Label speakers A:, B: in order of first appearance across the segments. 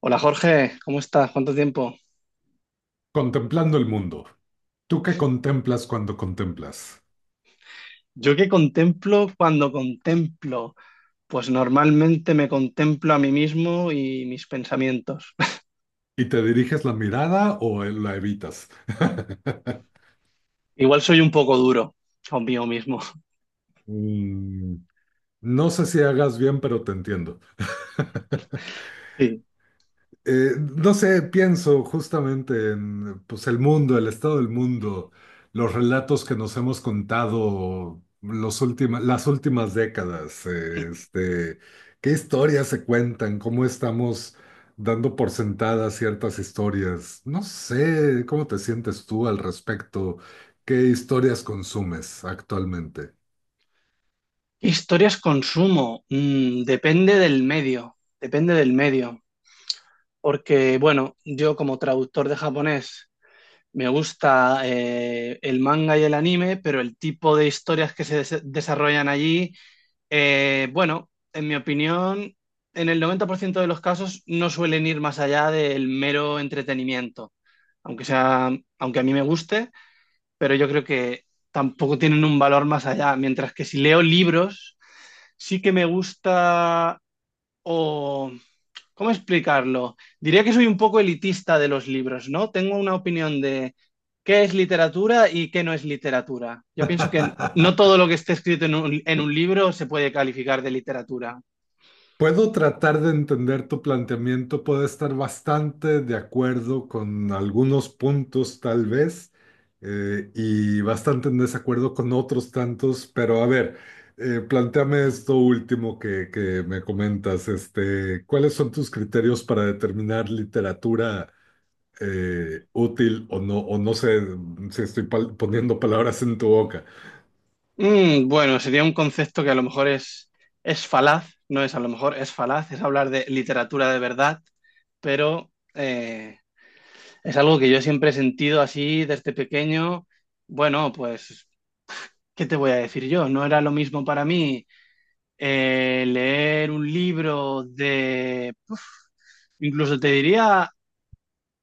A: Hola Jorge, ¿cómo estás? ¿Cuánto tiempo?
B: Contemplando el mundo. ¿Tú qué contemplas cuando contemplas?
A: Yo que contemplo cuando contemplo, pues normalmente me contemplo a mí mismo y mis pensamientos.
B: ¿Y te diriges la mirada o la evitas?
A: Igual soy un poco duro conmigo mismo.
B: Mm, No sé si hagas bien, pero te entiendo.
A: Sí.
B: No sé, pienso justamente en pues, el mundo, el estado del mundo, los relatos que nos hemos contado los las últimas décadas, qué historias se cuentan, cómo estamos dando por sentadas ciertas historias. No sé, ¿cómo te sientes tú al respecto? ¿Qué historias consumes actualmente?
A: ¿Qué historias consumo? Depende del medio, depende del medio. Porque, bueno, yo como traductor de japonés me gusta el manga y el anime, pero el tipo de historias que se desarrollan allí. Bueno, en mi opinión, en el 90% de los casos no suelen ir más allá del mero entretenimiento, aunque sea, aunque a mí me guste, pero yo creo que tampoco tienen un valor más allá, mientras que si leo libros, sí que me gusta. O ¿cómo explicarlo? Diría que soy un poco elitista de los libros, ¿no? Tengo una opinión de qué es literatura y qué no es literatura. Yo pienso que no todo lo que esté escrito en un libro se puede calificar de literatura.
B: Puedo tratar de entender tu planteamiento, puedo estar bastante de acuerdo con algunos puntos tal vez, y bastante en desacuerdo con otros tantos, pero a ver, plantéame esto último que me comentas, ¿cuáles son tus criterios para determinar literatura útil o no? O no sé si estoy poniendo palabras en tu boca.
A: Bueno, sería un concepto que a lo mejor es falaz, no es a lo mejor, es falaz, es hablar de literatura de verdad, pero es algo que yo siempre he sentido así desde pequeño. Bueno, pues, ¿qué te voy a decir yo? No era lo mismo para mí leer un libro de, incluso te diría,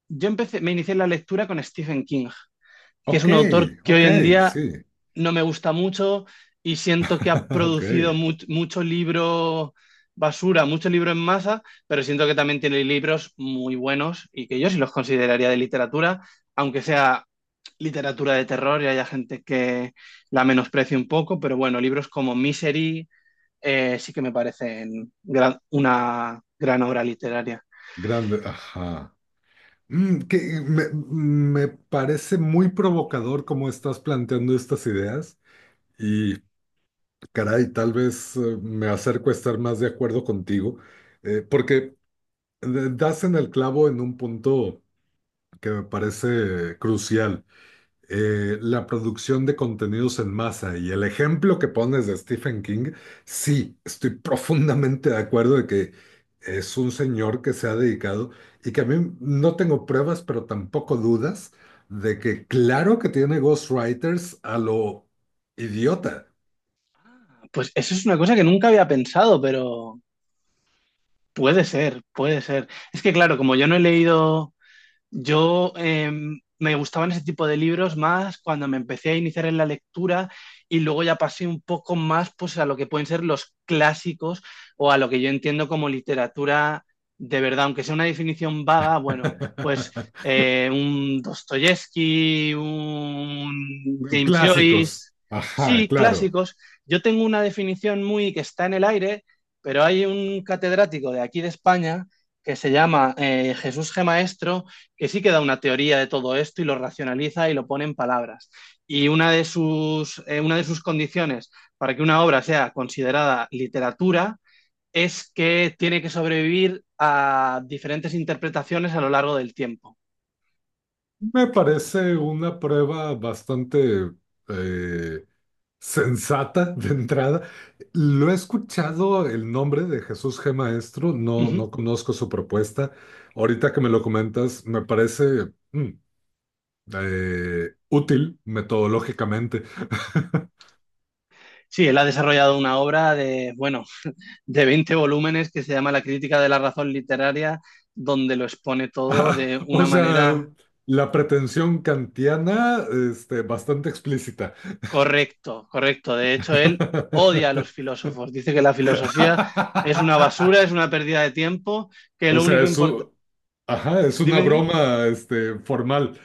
A: me inicié en la lectura con Stephen King, que es
B: Ok,
A: un autor que hoy
B: ok,
A: en día
B: sí,
A: no me gusta mucho y siento que ha
B: ok,
A: producido mucho libro basura, mucho libro en masa, pero siento que también tiene libros muy buenos y que yo sí los consideraría de literatura, aunque sea literatura de terror y haya gente que la menosprecie un poco, pero bueno, libros como Misery sí que me parecen una gran obra literaria.
B: grande, ajá. Que me parece muy provocador cómo estás planteando estas ideas, y caray, tal vez me acerco a estar más de acuerdo contigo, porque das en el clavo en un punto que me parece crucial, la producción de contenidos en masa y el ejemplo que pones de Stephen King. Sí, estoy profundamente de acuerdo de que es un señor que se ha dedicado, y que, a mí no tengo pruebas, pero tampoco dudas de que claro que tiene ghostwriters a lo idiota.
A: Pues eso es una cosa que nunca había pensado, pero puede ser, puede ser. Es que claro, como yo no he leído. Yo me gustaban ese tipo de libros más cuando me empecé a iniciar en la lectura y luego ya pasé un poco más pues, a lo que pueden ser los clásicos o a lo que yo entiendo como literatura de verdad, aunque sea una definición vaga, bueno, pues un Dostoyevsky, un James
B: Clásicos.
A: Joyce,
B: Ajá,
A: sí,
B: claro.
A: clásicos. Yo tengo una definición muy que está en el aire, pero hay un catedrático de aquí de España que se llama Jesús G. Maestro, que sí que da una teoría de todo esto y lo racionaliza y lo pone en palabras. Y una de sus condiciones para que una obra sea considerada literatura es que tiene que sobrevivir a diferentes interpretaciones a lo largo del tiempo.
B: Me parece una prueba bastante, eh, sensata de entrada. Lo he escuchado el nombre de Jesús G. Maestro,
A: Uh
B: no,
A: -huh.
B: no conozco su propuesta. Ahorita que me lo comentas, me parece útil metodológicamente.
A: Sí, él ha desarrollado una obra de, bueno, de 20 volúmenes que se llama La crítica de la razón literaria, donde lo expone todo
B: Ah,
A: de
B: o
A: una
B: sea,
A: manera.
B: la pretensión kantiana, bastante explícita.
A: Correcto, correcto. De hecho, él odia a los filósofos. Dice que la filosofía es una basura, es una pérdida de tiempo, que
B: O
A: lo
B: sea,
A: único importa.
B: ajá, es una
A: Dime, dime.
B: broma, formal.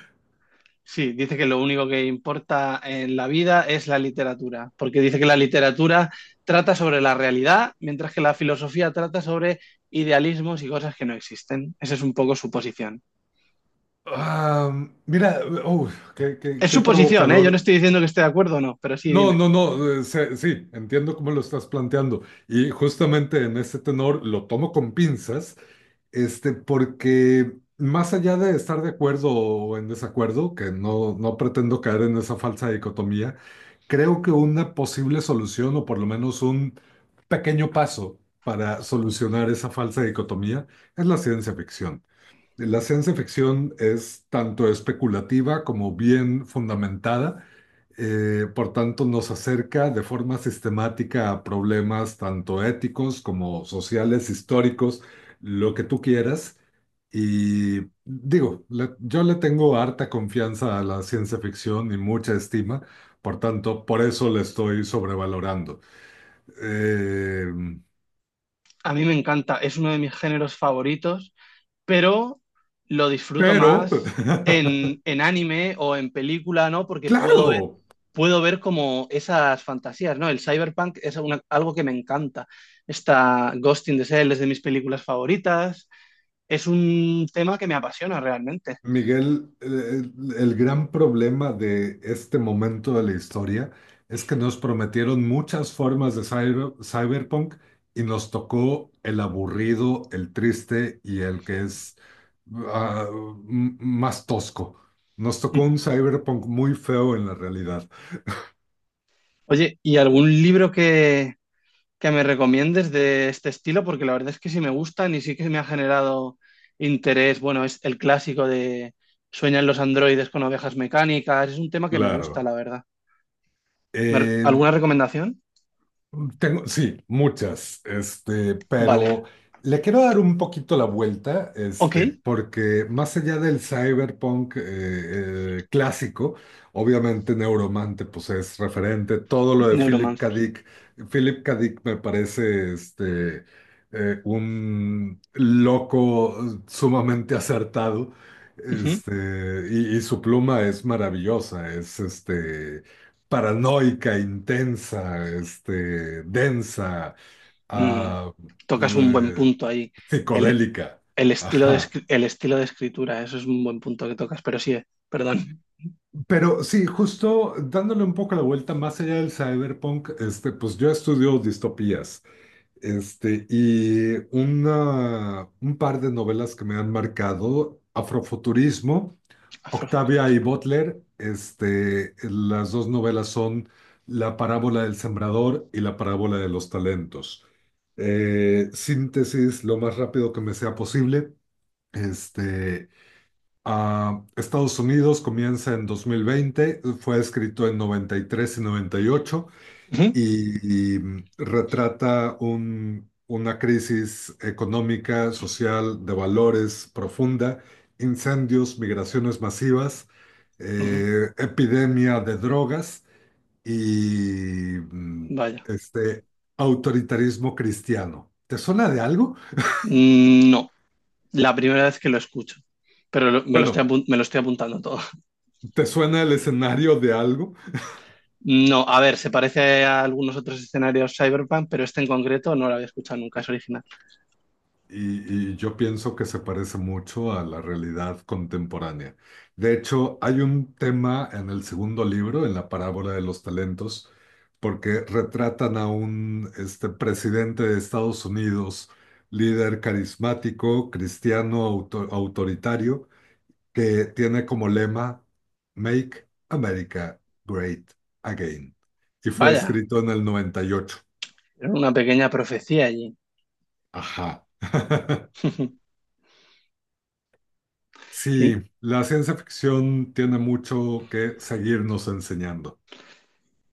A: Sí, dice que lo único que importa en la vida es la literatura, porque dice que la literatura trata sobre la realidad, mientras que la filosofía trata sobre idealismos y cosas que no existen. Esa es un poco su posición.
B: Ah, mira,
A: Es
B: qué
A: su posición, ¿eh? Yo no
B: provocador.
A: estoy diciendo que esté de acuerdo o no, pero sí,
B: No,
A: dime.
B: no, no, sí, entiendo cómo lo estás planteando. Y justamente en ese tenor lo tomo con pinzas, porque más allá de estar de acuerdo o en desacuerdo, que no, no pretendo caer en esa falsa dicotomía, creo que una posible solución, o por lo menos un pequeño paso para solucionar esa falsa dicotomía, es la ciencia ficción. La ciencia ficción es tanto especulativa como bien fundamentada, por tanto nos acerca de forma sistemática a problemas tanto éticos como sociales, históricos, lo que tú quieras. Y digo, yo le tengo harta confianza a la ciencia ficción y mucha estima, por tanto, por eso la estoy sobrevalorando. Eh,
A: A mí me encanta, es uno de mis géneros favoritos, pero lo disfruto
B: pero,
A: más en, anime o en película, ¿no? Porque
B: claro.
A: puedo ver como esas fantasías, ¿no? El cyberpunk es algo que me encanta. Está Ghost in the Shell es de mis películas favoritas. Es un tema que me apasiona realmente.
B: Miguel, el gran problema de este momento de la historia es que nos prometieron muchas formas de cyberpunk, y nos tocó el aburrido, el triste y el que es ah, más tosco. Nos tocó un cyberpunk muy feo en la realidad.
A: Oye, ¿y algún libro que me recomiendes de este estilo? Porque la verdad es que sí me gustan y sí que me ha generado interés. Bueno, es el clásico de Sueñan los androides con ovejas mecánicas, es un tema que me gusta,
B: Claro.
A: la verdad. ¿Alguna recomendación?
B: Tengo, sí, muchas,
A: Vale,
B: pero le quiero dar un poquito la vuelta,
A: ok,
B: porque más allá del cyberpunk clásico, obviamente Neuromante pues es referente, todo lo de Philip K.
A: Neuromancer.
B: Dick. Philip K. Dick me parece un loco, sumamente acertado,
A: Ujú.
B: y su pluma es maravillosa, es paranoica, intensa, densa,
A: Mm,
B: ah,
A: Tocas un buen
B: eh,
A: punto ahí. El,
B: psicodélica.
A: el
B: Ajá.
A: el estilo de escritura, eso es un buen punto que tocas, pero sí, perdón.
B: Pero sí, justo dándole un poco la vuelta más allá del cyberpunk, pues yo estudio distopías. Y un par de novelas que me han marcado, Afrofuturismo, Octavia y
A: Afrofuturismo.
B: Butler, las dos novelas son La parábola del sembrador y La parábola de los talentos. Síntesis lo más rápido que me sea posible. Este, Estados Unidos comienza en 2020, fue escrito en 93 y 98,
A: Ujú,
B: 98, y retrata una crisis económica, social, de valores profunda, incendios, migraciones masivas,
A: ujú.
B: epidemia de drogas y
A: Vaya.
B: este autoritarismo cristiano. ¿Te suena de algo?
A: Mm. No, la primera vez que lo escucho, pero
B: Bueno,
A: me lo estoy apuntando todo.
B: ¿te suena el escenario de algo?
A: No, a ver, se parece a algunos otros escenarios cyberpunk, pero este en concreto no lo había escuchado nunca, es original.
B: Y yo pienso que se parece mucho a la realidad contemporánea. De hecho, hay un tema en el segundo libro, en La parábola de los talentos, porque retratan a un, presidente de Estados Unidos, líder carismático, cristiano, autoritario, que tiene como lema Make America Great Again. Y fue
A: Vaya,
B: escrito en el 98.
A: era una pequeña profecía allí.
B: Ajá. Sí,
A: Qué,
B: la ciencia ficción tiene mucho que seguirnos enseñando.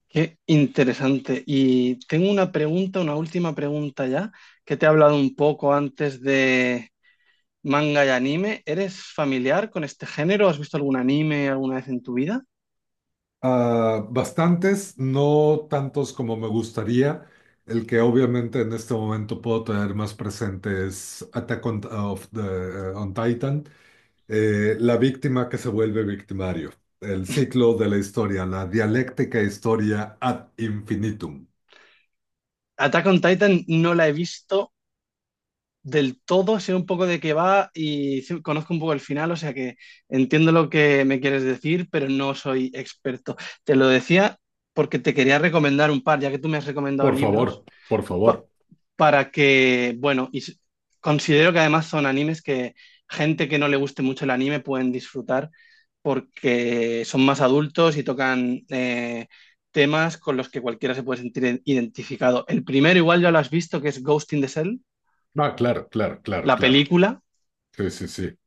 A: qué interesante. Y tengo una última pregunta ya, que te he hablado un poco antes de manga y anime. ¿Eres familiar con este género? ¿Has visto algún anime alguna vez en tu vida?
B: Ah, bastantes, no tantos como me gustaría. El que obviamente en este momento puedo tener más presente es Attack on Titan. La víctima que se vuelve victimario. El ciclo de la historia, la dialéctica historia ad infinitum.
A: Attack on Titan no la he visto del todo, sé un poco de qué va y sí, conozco un poco el final, o sea que entiendo lo que me quieres decir, pero no soy experto. Te lo decía porque te quería recomendar un par, ya que tú me has recomendado
B: Por
A: libros,
B: favor, por favor.
A: pa- para que, bueno, considero que además son animes que gente que no le guste mucho el anime pueden disfrutar, porque son más adultos y tocan temas con los que cualquiera se puede sentir identificado. El primero, igual ya lo has visto, que es Ghost in the Shell,
B: Ah, claro, claro, claro,
A: la
B: claro.
A: película.
B: Sí, sí, sí.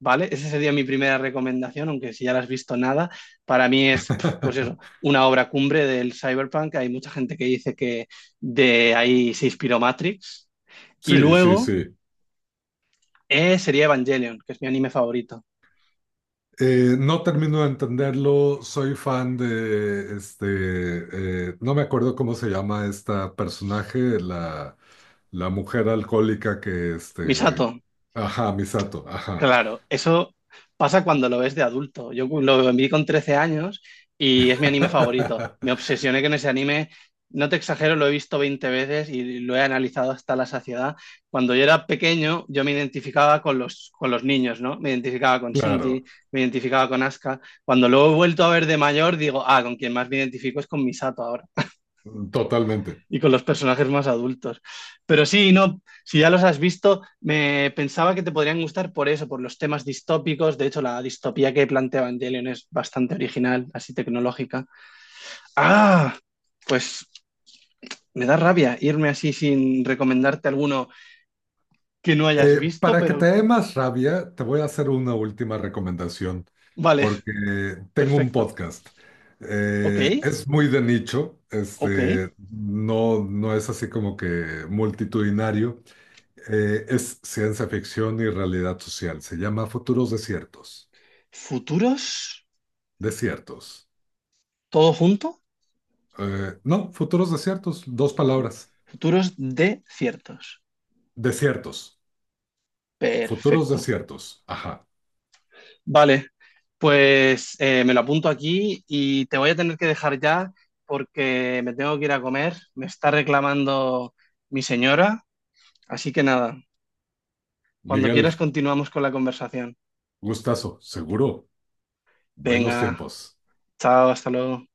A: ¿Vale? Esa sería mi primera recomendación, aunque si ya la has visto, nada, para mí es, pues eso, una obra cumbre del cyberpunk. Hay mucha gente que dice que de ahí se inspiró Matrix. Y
B: Sí, sí,
A: luego
B: sí.
A: sería Evangelion, que es mi anime favorito.
B: No termino de entenderlo, soy fan de no me acuerdo cómo se llama esta personaje, la mujer alcohólica que
A: Misato.
B: ajá, Misato. Ajá.
A: Claro, eso pasa cuando lo ves de adulto. Yo lo vi con 13 años y es mi anime favorito. Me obsesioné con ese anime. No te exagero, lo he visto 20 veces y lo he analizado hasta la saciedad. Cuando yo era pequeño, yo me identificaba con los niños, ¿no? Me identificaba con
B: Claro,
A: Shinji, me identificaba con Asuka. Cuando lo he vuelto a ver de mayor, digo, ah, con quien más me identifico es con Misato ahora
B: totalmente.
A: y con los personajes más adultos. Pero sí, no, si ya los has visto, me pensaba que te podrían gustar por eso, por los temas distópicos. De hecho, la distopía que plantea Evangelion es bastante original, así tecnológica. Ah, pues me da rabia irme así sin recomendarte alguno que no hayas visto,
B: Para que te
A: pero
B: dé más rabia, te voy a hacer una última recomendación,
A: vale,
B: porque tengo un
A: perfecto.
B: podcast.
A: Ok,
B: Es muy de nicho,
A: ok.
B: no, no es así como que multitudinario. Es ciencia ficción y realidad social. Se llama Futuros Desiertos.
A: Futuros,
B: Desiertos.
A: todo junto,
B: No, Futuros Desiertos, dos palabras.
A: futuros de ciertos.
B: Desiertos. Futuros
A: Perfecto.
B: Desiertos. Ajá.
A: Vale, pues me lo apunto aquí y te voy a tener que dejar ya, porque me tengo que ir a comer. Me está reclamando mi señora. Así que nada, cuando
B: Miguel,
A: quieras continuamos con la conversación.
B: gustazo, seguro. Buenos
A: Venga,
B: tiempos.
A: chao, hasta luego.